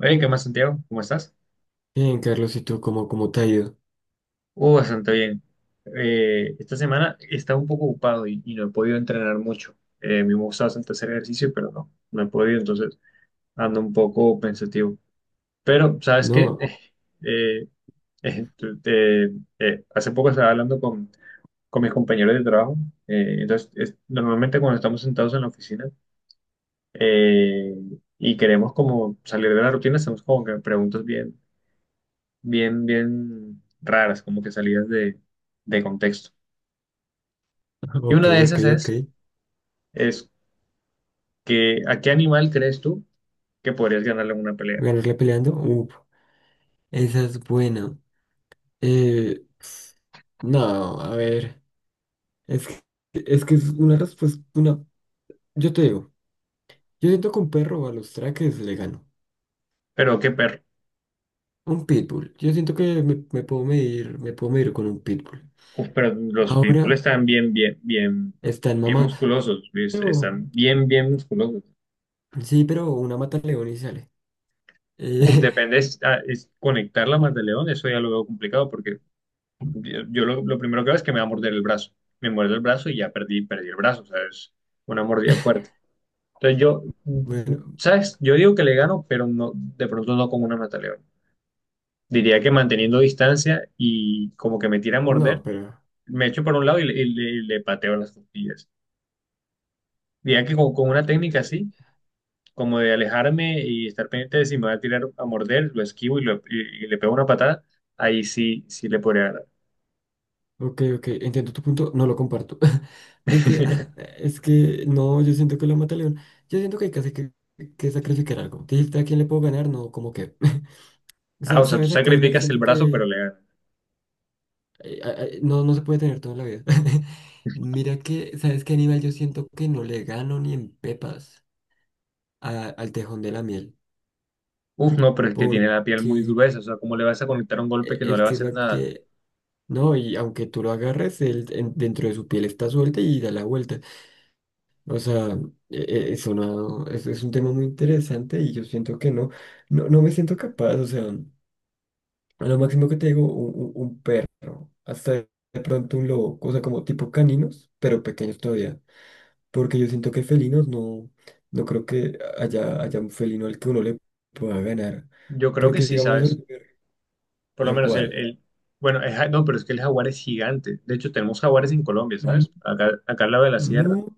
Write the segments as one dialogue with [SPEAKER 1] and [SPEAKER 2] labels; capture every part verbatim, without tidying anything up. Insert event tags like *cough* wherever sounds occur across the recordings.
[SPEAKER 1] Oye, ¿qué más, Santiago? ¿Cómo estás?
[SPEAKER 2] Bien, Carlos, ¿y tú cómo, cómo te ha ido?
[SPEAKER 1] Uh, bastante bien. Eh, esta semana he estado un poco ocupado y, y no he podido entrenar mucho. Eh, me gusta bastante hacer ejercicio, pero no, no he podido, entonces ando un poco pensativo. Pero, ¿sabes qué?
[SPEAKER 2] No,
[SPEAKER 1] *laughs* Eh, eh, eh, tu- te- eh, Hace poco estaba hablando con, con mis compañeros de trabajo. Eh, entonces, es- normalmente cuando estamos sentados en la oficina eh, y queremos como salir de la rutina, hacemos como que preguntas bien. Bien, bien raras, como que salidas de, de contexto. Y
[SPEAKER 2] ok,
[SPEAKER 1] una de
[SPEAKER 2] ok,
[SPEAKER 1] esas
[SPEAKER 2] ok.
[SPEAKER 1] es, es que, ¿a qué animal crees tú que podrías ganarle una pelea?
[SPEAKER 2] ¿Ganarle peleando? Uf, esa es buena. Eh, no, a ver, es que, es que es una respuesta, una, yo te digo, yo siento que un perro a los traques le gano.
[SPEAKER 1] Pero qué perro.
[SPEAKER 2] Un pitbull, yo siento que me, me puedo medir, me puedo medir con un pitbull.
[SPEAKER 1] Uf, pero los pitbull
[SPEAKER 2] Ahora
[SPEAKER 1] están bien, bien, bien,
[SPEAKER 2] están
[SPEAKER 1] bien
[SPEAKER 2] mamados,
[SPEAKER 1] musculosos, ¿viste?
[SPEAKER 2] pero,
[SPEAKER 1] Están bien, bien musculosos.
[SPEAKER 2] sí, pero una mata al león y sale.
[SPEAKER 1] Uf,
[SPEAKER 2] Eh,
[SPEAKER 1] depende, es, ah, es conectar la más de león, eso ya lo veo complicado porque yo, yo lo, lo primero que veo es que me va a morder el brazo. Me muerde el brazo y ya perdí, perdí el brazo, o sea, es una mordida
[SPEAKER 2] *laughs*
[SPEAKER 1] fuerte. Entonces yo, mm,
[SPEAKER 2] bueno,
[SPEAKER 1] ¿sabes? Yo digo que le gano, pero no, de pronto no con una mataleón. Diría que manteniendo distancia y como que me tira a
[SPEAKER 2] no,
[SPEAKER 1] morder,
[SPEAKER 2] pero...
[SPEAKER 1] me echo por un lado y le, y le- y le pateo las costillas. Diría que con, con una técnica
[SPEAKER 2] eh,
[SPEAKER 1] así, como de alejarme y estar pendiente de si me va a tirar a morder, lo esquivo y, lo- y- y le pego una patada, ahí sí, sí le podría ganar.
[SPEAKER 2] Ok, ok, entiendo tu punto, no lo comparto. *laughs* Es que, ah,
[SPEAKER 1] *laughs*
[SPEAKER 2] es que, no, yo siento que lo mata león. Yo siento que hay casi que, que sacrificar algo. Dijiste a quién le puedo ganar, no, como que. *laughs* O
[SPEAKER 1] Ah,
[SPEAKER 2] sea,
[SPEAKER 1] o sea, tú
[SPEAKER 2] ¿sabes a qué animal
[SPEAKER 1] sacrificas el
[SPEAKER 2] siento
[SPEAKER 1] brazo,
[SPEAKER 2] que
[SPEAKER 1] pero le ganas.
[SPEAKER 2] eh, a- a- no, no se puede tener toda la vida? *laughs* Mira que, ¿sabes qué animal yo siento que no le gano ni en pepas a- al tejón de la miel?
[SPEAKER 1] Uf, no, pero es que tiene la piel muy
[SPEAKER 2] Porque
[SPEAKER 1] gruesa, o sea, ¿cómo le vas a conectar un golpe
[SPEAKER 2] eh,
[SPEAKER 1] que no le
[SPEAKER 2] es
[SPEAKER 1] va a
[SPEAKER 2] que es
[SPEAKER 1] hacer
[SPEAKER 2] la
[SPEAKER 1] nada?
[SPEAKER 2] que. No, y aunque tú lo agarres, él en- dentro de su piel está suelta y da la vuelta. O sea, e- e- es una, es, es un tema muy interesante y yo siento que no, no, no me siento capaz, o sea, a lo máximo que te digo, un, un- un perro, hasta de pronto un lobo, o sea, como tipo caninos, pero pequeños todavía, porque yo siento que felinos no, no creo que haya, haya un felino al que uno le pueda ganar,
[SPEAKER 1] Yo creo que
[SPEAKER 2] porque
[SPEAKER 1] sí,
[SPEAKER 2] digamos
[SPEAKER 1] ¿sabes?
[SPEAKER 2] el perro,
[SPEAKER 1] Por lo
[SPEAKER 2] ¿a
[SPEAKER 1] menos el,
[SPEAKER 2] cuál?
[SPEAKER 1] el- bueno, el ja- no, pero es que el jaguar es gigante. De hecho, tenemos jaguares en Colombia,
[SPEAKER 2] Mm,
[SPEAKER 1] ¿sabes? Acá, acá al lado de la sierra.
[SPEAKER 2] no,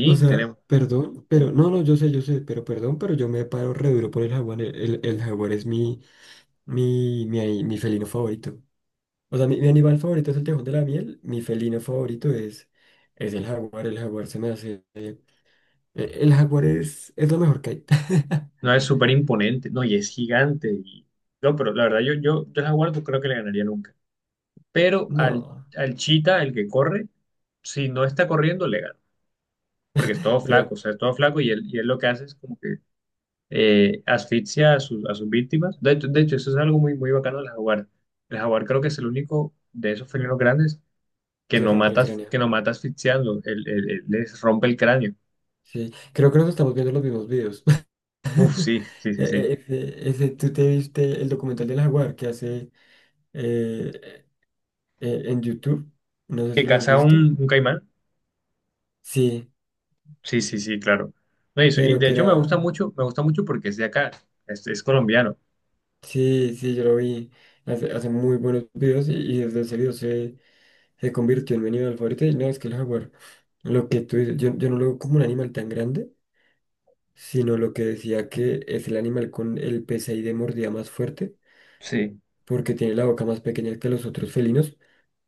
[SPEAKER 2] o sea,
[SPEAKER 1] tenemos.
[SPEAKER 2] perdón, pero no, no, yo sé, yo sé, pero perdón, pero yo me paro re duro por el jaguar, el, el el jaguar es mi... Mi, mi, mi felino favorito. O sea, mi, mi animal favorito es el tejón de la miel. Mi felino favorito es, es el jaguar. El jaguar se me hace. Eh, el jaguar es, es lo mejor que hay. *laughs*
[SPEAKER 1] No, es súper imponente. No, y es gigante. Y- no, pero la verdad, yo, yo, yo al jaguar no creo que le ganaría nunca. Pero al,
[SPEAKER 2] No,
[SPEAKER 1] al chita, el que corre, si no está corriendo, le gana. Porque es todo flaco, o
[SPEAKER 2] pero
[SPEAKER 1] sea, es todo flaco y él, y él lo que hace es como que eh, asfixia a, sus a sus víctimas. De hecho, de hecho, eso es algo muy, muy bacano del jaguar. El jaguar creo que es el único de esos felinos grandes que
[SPEAKER 2] que
[SPEAKER 1] no
[SPEAKER 2] rompe el
[SPEAKER 1] matas,
[SPEAKER 2] cráneo.
[SPEAKER 1] que no mata asfixiando, el- el- el- les rompe el cráneo.
[SPEAKER 2] Sí, creo que nos estamos viendo los mismos videos.
[SPEAKER 1] Uf,
[SPEAKER 2] *laughs*
[SPEAKER 1] sí, sí,
[SPEAKER 2] E-
[SPEAKER 1] sí, sí.
[SPEAKER 2] e- Ese, ese- tú te viste el documental del jaguar que hace eh, eh, en YouTube. No sé
[SPEAKER 1] ¿Que
[SPEAKER 2] si lo has
[SPEAKER 1] caza un,
[SPEAKER 2] visto.
[SPEAKER 1] un caimán?
[SPEAKER 2] Sí,
[SPEAKER 1] Sí, sí, sí, claro. No, y, eso- y
[SPEAKER 2] pero
[SPEAKER 1] de
[SPEAKER 2] que
[SPEAKER 1] hecho me
[SPEAKER 2] era.
[SPEAKER 1] gusta mucho, me gusta mucho porque es de acá, es, es colombiano.
[SPEAKER 2] Sí, sí, yo lo vi. Hace, hace muy buenos videos y, y desde ese video se, se convirtió en mi animal favorito. Y no, es que el jaguar, lo que tú dices, yo, yo no lo veo como un animal tan grande, sino lo que decía que es el animal con el P S I de mordida más fuerte,
[SPEAKER 1] Sí.
[SPEAKER 2] porque tiene la boca más pequeña que los otros felinos,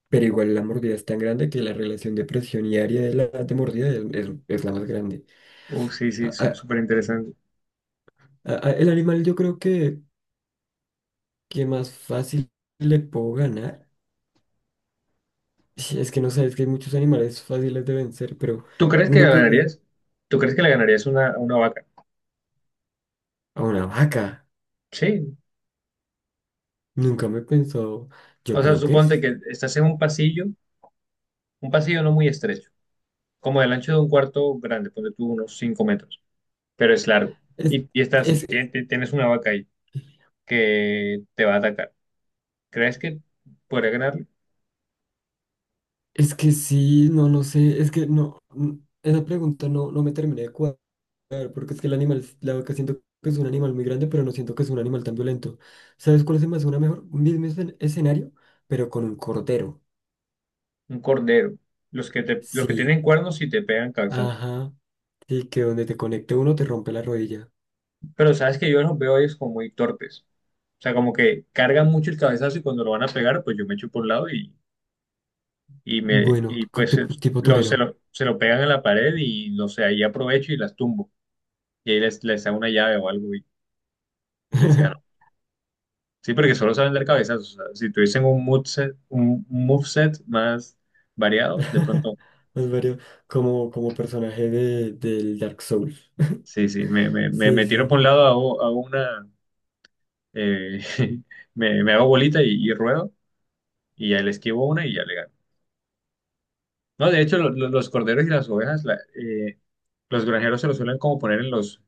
[SPEAKER 2] pero igual la mordida es tan grande que la relación de presión y área de la de mordida es, es- es la más grande.
[SPEAKER 1] Uf, sí, sí,
[SPEAKER 2] A-
[SPEAKER 1] su-
[SPEAKER 2] a-
[SPEAKER 1] súper interesante.
[SPEAKER 2] a- a- el animal yo creo que, que más fácil le puedo ganar. Sí, es que no sé, es que hay muchos animales fáciles de vencer, pero
[SPEAKER 1] ¿Tú crees que
[SPEAKER 2] uno que llegue
[SPEAKER 1] ganarías? ¿Tú crees que le ganarías una, a una vaca?
[SPEAKER 2] a una vaca,
[SPEAKER 1] Sí.
[SPEAKER 2] nunca me pensó, yo
[SPEAKER 1] O sea,
[SPEAKER 2] creo que
[SPEAKER 1] suponte
[SPEAKER 2] es,
[SPEAKER 1] que estás en un pasillo, un pasillo no muy estrecho, como del ancho de un cuarto grande, ponte tú unos cinco metros, pero es largo.
[SPEAKER 2] es,
[SPEAKER 1] Y, y estás,
[SPEAKER 2] es,
[SPEAKER 1] tien- tien- tienes una vaca ahí. Que te va a atacar. ¿Crees que podría ganarle?
[SPEAKER 2] es que sí, no, no sé, es que no, mm, esa pregunta no, no me terminé de cuadrar, porque es que el animal, la vaca siento que es un animal muy grande, pero no siento que es un animal tan violento. ¿Sabes cuál se me hace una mejor? Un mismo escen- escenario, pero con un cordero.
[SPEAKER 1] Un cordero. Los que, te, los que
[SPEAKER 2] Sí,
[SPEAKER 1] tienen cuernos y te pegan cabezazos.
[SPEAKER 2] ajá, sí, que donde te conecte uno te rompe la rodilla.
[SPEAKER 1] Pero sabes que yo los veo a ellos como muy torpes. O sea, como que cargan mucho el cabezazo y cuando lo van a pegar, pues yo me echo por un lado y, y, me,
[SPEAKER 2] Bueno,
[SPEAKER 1] y
[SPEAKER 2] co-
[SPEAKER 1] pues se
[SPEAKER 2] tipo, tipo
[SPEAKER 1] lo, se
[SPEAKER 2] torero.
[SPEAKER 1] lo, se lo pegan en la pared y no sé, ahí aprovecho y las tumbo. Y ahí les, les hago una llave o algo y, y les gano.
[SPEAKER 2] *laughs*
[SPEAKER 1] Sí, porque solo saben dar cabezazos. O sea, si tuviesen un moveset, un un moveset más variado, de pronto.
[SPEAKER 2] *laughs* Los varios, como, como personaje de, del Dark Souls. *laughs*
[SPEAKER 1] Sí, sí, me, me, me, me
[SPEAKER 2] Sí,
[SPEAKER 1] tiro por un
[SPEAKER 2] sí.
[SPEAKER 1] lado, hago, hago una, eh, *laughs* me, me hago bolita y, y ruedo, y ya le esquivo una y ya le gano. No, de hecho, lo- lo- los corderos y las ovejas, la- eh, los granjeros se los suelen como poner en los,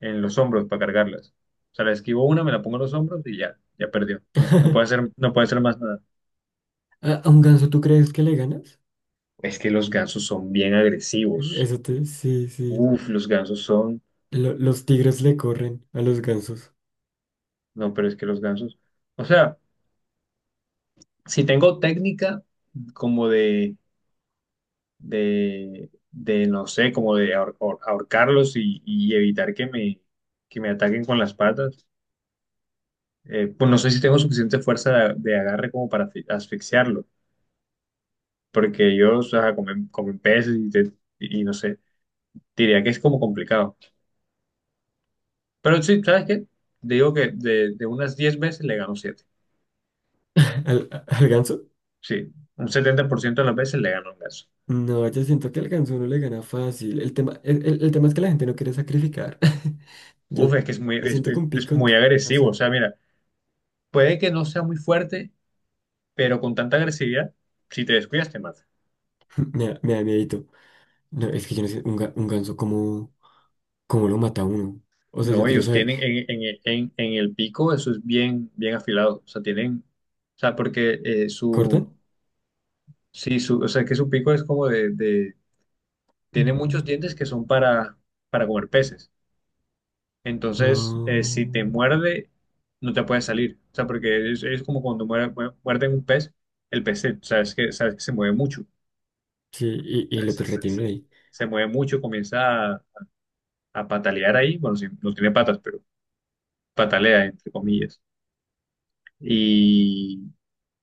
[SPEAKER 1] en los hombros para cargarlas. O sea, le esquivo una, me la pongo en los hombros y ya, ya perdió. No, no puede hacer,
[SPEAKER 2] *laughs*
[SPEAKER 1] no puede hacer más nada.
[SPEAKER 2] ¿A a un ganso tú crees que le ganas?
[SPEAKER 1] Es que los gansos son bien agresivos.
[SPEAKER 2] Eso te... Sí, sí.
[SPEAKER 1] Uf, los gansos son,
[SPEAKER 2] Lo- los tigres le corren a los gansos.
[SPEAKER 1] no, pero es que los gansos, o sea, si tengo técnica como de de, de, no sé, como de ahor- ahor- ahorcarlos y, y evitar que me, que me ataquen con las patas. Eh, pues no sé si tengo suficiente fuerza de, de agarre como para asfi- asfixiarlo, porque yo o sea, comen, comen peces y, te- y no sé, diría que es como complicado. Pero sí, ¿sabes qué? Digo que de, de unas diez veces le gano siete.
[SPEAKER 2] *laughs* ¿Al, a- al ganso?
[SPEAKER 1] Sí, un setenta por ciento de las veces le gano un ganso.
[SPEAKER 2] No, yo siento que al ganso no le gana fácil. El tema, el, el- el tema es que la gente no quiere sacrificar. *laughs* Yo
[SPEAKER 1] Uf, es que es muy, es
[SPEAKER 2] siento que
[SPEAKER 1] es-
[SPEAKER 2] un
[SPEAKER 1] es
[SPEAKER 2] pico... te
[SPEAKER 1] muy agresivo. O
[SPEAKER 2] pasa.
[SPEAKER 1] sea, mira, puede que no sea muy fuerte, pero con tanta agresividad, si te descuidas, te mata.
[SPEAKER 2] *laughs* Me da, me da miedito. No, es que yo no sé, un, ga- un ganso, ¿cómo, cómo lo mata uno? O sea, yo
[SPEAKER 1] No,
[SPEAKER 2] quiero
[SPEAKER 1] ellos
[SPEAKER 2] saber,
[SPEAKER 1] tienen en, en- en- en el pico, eso es bien, bien afilado. O sea, tienen, o sea, porque eh,
[SPEAKER 2] ¿cortan?
[SPEAKER 1] su, sí, su, o sea, que su pico es como de, de- tiene
[SPEAKER 2] Ujú.
[SPEAKER 1] muchos dientes que son para, para comer peces. Entonces, eh, si
[SPEAKER 2] Ah,
[SPEAKER 1] te muerde, no te puedes salir. O sea, porque es, es como cuando muer- muer- muerden un pez, el pez, se- sabes que, sabes que se mueve mucho. O
[SPEAKER 2] sí, y, y
[SPEAKER 1] sea,
[SPEAKER 2] el
[SPEAKER 1] se,
[SPEAKER 2] otro
[SPEAKER 1] se- se-
[SPEAKER 2] retiene ahí.
[SPEAKER 1] se mueve mucho, comienza a, a patalear ahí. Bueno, sí, no tiene patas, pero patalea, entre comillas.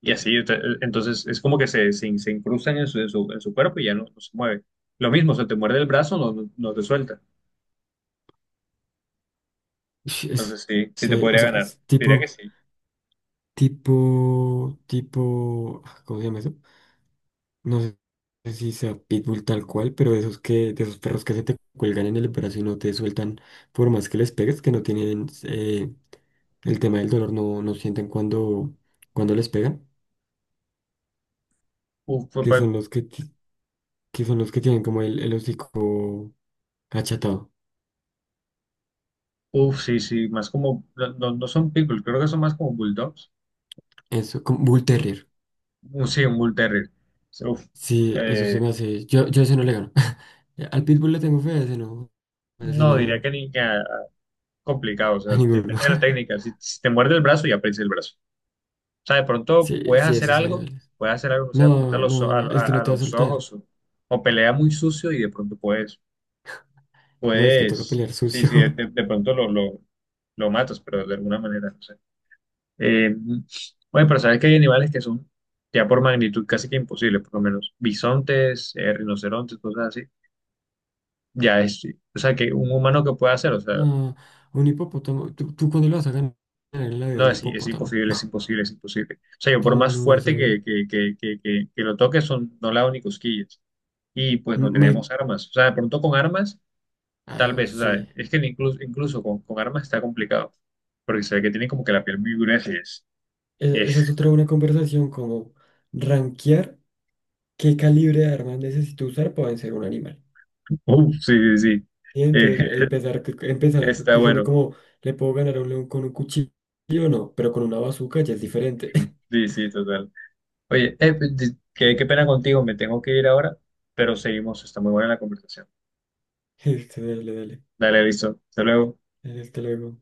[SPEAKER 1] Y así, ente- entonces es como que se, se, se incrustan en su, en su, en su cuerpo y ya no, no se mueve. Lo mismo, se te muerde el brazo, no, no, no te suelta.
[SPEAKER 2] Ish, Es-
[SPEAKER 1] Entonces sí, sí te
[SPEAKER 2] se- o
[SPEAKER 1] podría
[SPEAKER 2] sea,
[SPEAKER 1] ganar.
[SPEAKER 2] es
[SPEAKER 1] Diría que
[SPEAKER 2] tipo,
[SPEAKER 1] sí.
[SPEAKER 2] tipo, tipo, ah, ¿cómo se llama eso? No sé si sea pitbull tal cual, pero de esos que, de esos perros que se te cuelgan en el brazo y no te sueltan por más que les pegues, que no tienen eh, el tema del dolor, no, no sienten cuando, cuando les pegan,
[SPEAKER 1] Uf, fue
[SPEAKER 2] que
[SPEAKER 1] pa-
[SPEAKER 2] son los que, ti- que son los que tienen como el, el hocico achatado.
[SPEAKER 1] Uf, sí, sí, más como, no, no no son pitbull, creo que son más como bulldogs.
[SPEAKER 2] Eso, como bull terrier.
[SPEAKER 1] Un- Sí, un bull terrier. Sí, uf.
[SPEAKER 2] Sí, eso se
[SPEAKER 1] Eh,
[SPEAKER 2] me hace. Yo, yo a ese no le gano. *laughs* Al pitbull le tengo fe, a ese no. A ese
[SPEAKER 1] no, diría
[SPEAKER 2] no.
[SPEAKER 1] que ni que ah, complicado, o sea,
[SPEAKER 2] A ninguno.
[SPEAKER 1] depende de la
[SPEAKER 2] *laughs*
[SPEAKER 1] técnica. Si, si te muerde el brazo, ya prensa el brazo. O sea, de pronto
[SPEAKER 2] Sí,
[SPEAKER 1] puedes
[SPEAKER 2] sí,
[SPEAKER 1] hacer
[SPEAKER 2] esos
[SPEAKER 1] algo,
[SPEAKER 2] animales.
[SPEAKER 1] puedes hacer algo, no sé, apunta a
[SPEAKER 2] No,
[SPEAKER 1] los, o-
[SPEAKER 2] no,
[SPEAKER 1] a,
[SPEAKER 2] no. Es
[SPEAKER 1] a-
[SPEAKER 2] que no
[SPEAKER 1] a
[SPEAKER 2] te va a
[SPEAKER 1] los
[SPEAKER 2] soltar.
[SPEAKER 1] ojos o, o pelea muy sucio y de pronto puedes,
[SPEAKER 2] No, es que toca
[SPEAKER 1] puedes,
[SPEAKER 2] pelear
[SPEAKER 1] sí,
[SPEAKER 2] sucio.
[SPEAKER 1] sí, de,
[SPEAKER 2] *laughs*
[SPEAKER 1] de pronto lo, lo, lo matas, pero de alguna manera, no sé. Eh, bueno, pero sabes que hay animales que son ya por magnitud casi que imposibles, por lo menos bisontes, eh, rinocerontes, cosas así. Ya es, o sea, que un humano que pueda hacer, o sea,
[SPEAKER 2] No, un hipopótamo. ¿Tú, tú cuándo lo vas a ganar en la vida?
[SPEAKER 1] no,
[SPEAKER 2] Un
[SPEAKER 1] es, es
[SPEAKER 2] hipopótamo.
[SPEAKER 1] imposible, es imposible, es imposible. O sea, yo
[SPEAKER 2] *laughs*
[SPEAKER 1] por
[SPEAKER 2] Sí,
[SPEAKER 1] más
[SPEAKER 2] no, esa.
[SPEAKER 1] fuerte que, que, que, que, que, que lo toque, son, no le hago ni cosquillas. Y pues no
[SPEAKER 2] Mike.
[SPEAKER 1] tenemos armas. O sea, de pronto con armas, tal
[SPEAKER 2] Ah,
[SPEAKER 1] vez, o sea,
[SPEAKER 2] sí.
[SPEAKER 1] es que incluso, incluso con, con armas está complicado, porque se ve que tienen como que la piel muy gruesa y es, y
[SPEAKER 2] E- esa
[SPEAKER 1] es-
[SPEAKER 2] es otra buena conversación, como rankear qué calibre de armas necesito usar para vencer a un animal.
[SPEAKER 1] *laughs* uf, sí, sí, sí.
[SPEAKER 2] Y
[SPEAKER 1] Eh,
[SPEAKER 2] entonces eh, empezar,
[SPEAKER 1] *laughs*
[SPEAKER 2] empezar
[SPEAKER 1] Está
[SPEAKER 2] diciendo
[SPEAKER 1] bueno,
[SPEAKER 2] como, ¿le puedo ganar a un león con un cuchillo? No, pero con una bazooka ya es diferente. *laughs*
[SPEAKER 1] sí, sí, total. Oye, eh, pues, di- qué, qué pena contigo, me tengo que ir ahora, pero seguimos, está muy buena la conversación.
[SPEAKER 2] Dale, dale.
[SPEAKER 1] Dale, listo, hasta luego.
[SPEAKER 2] Dale, hasta luego.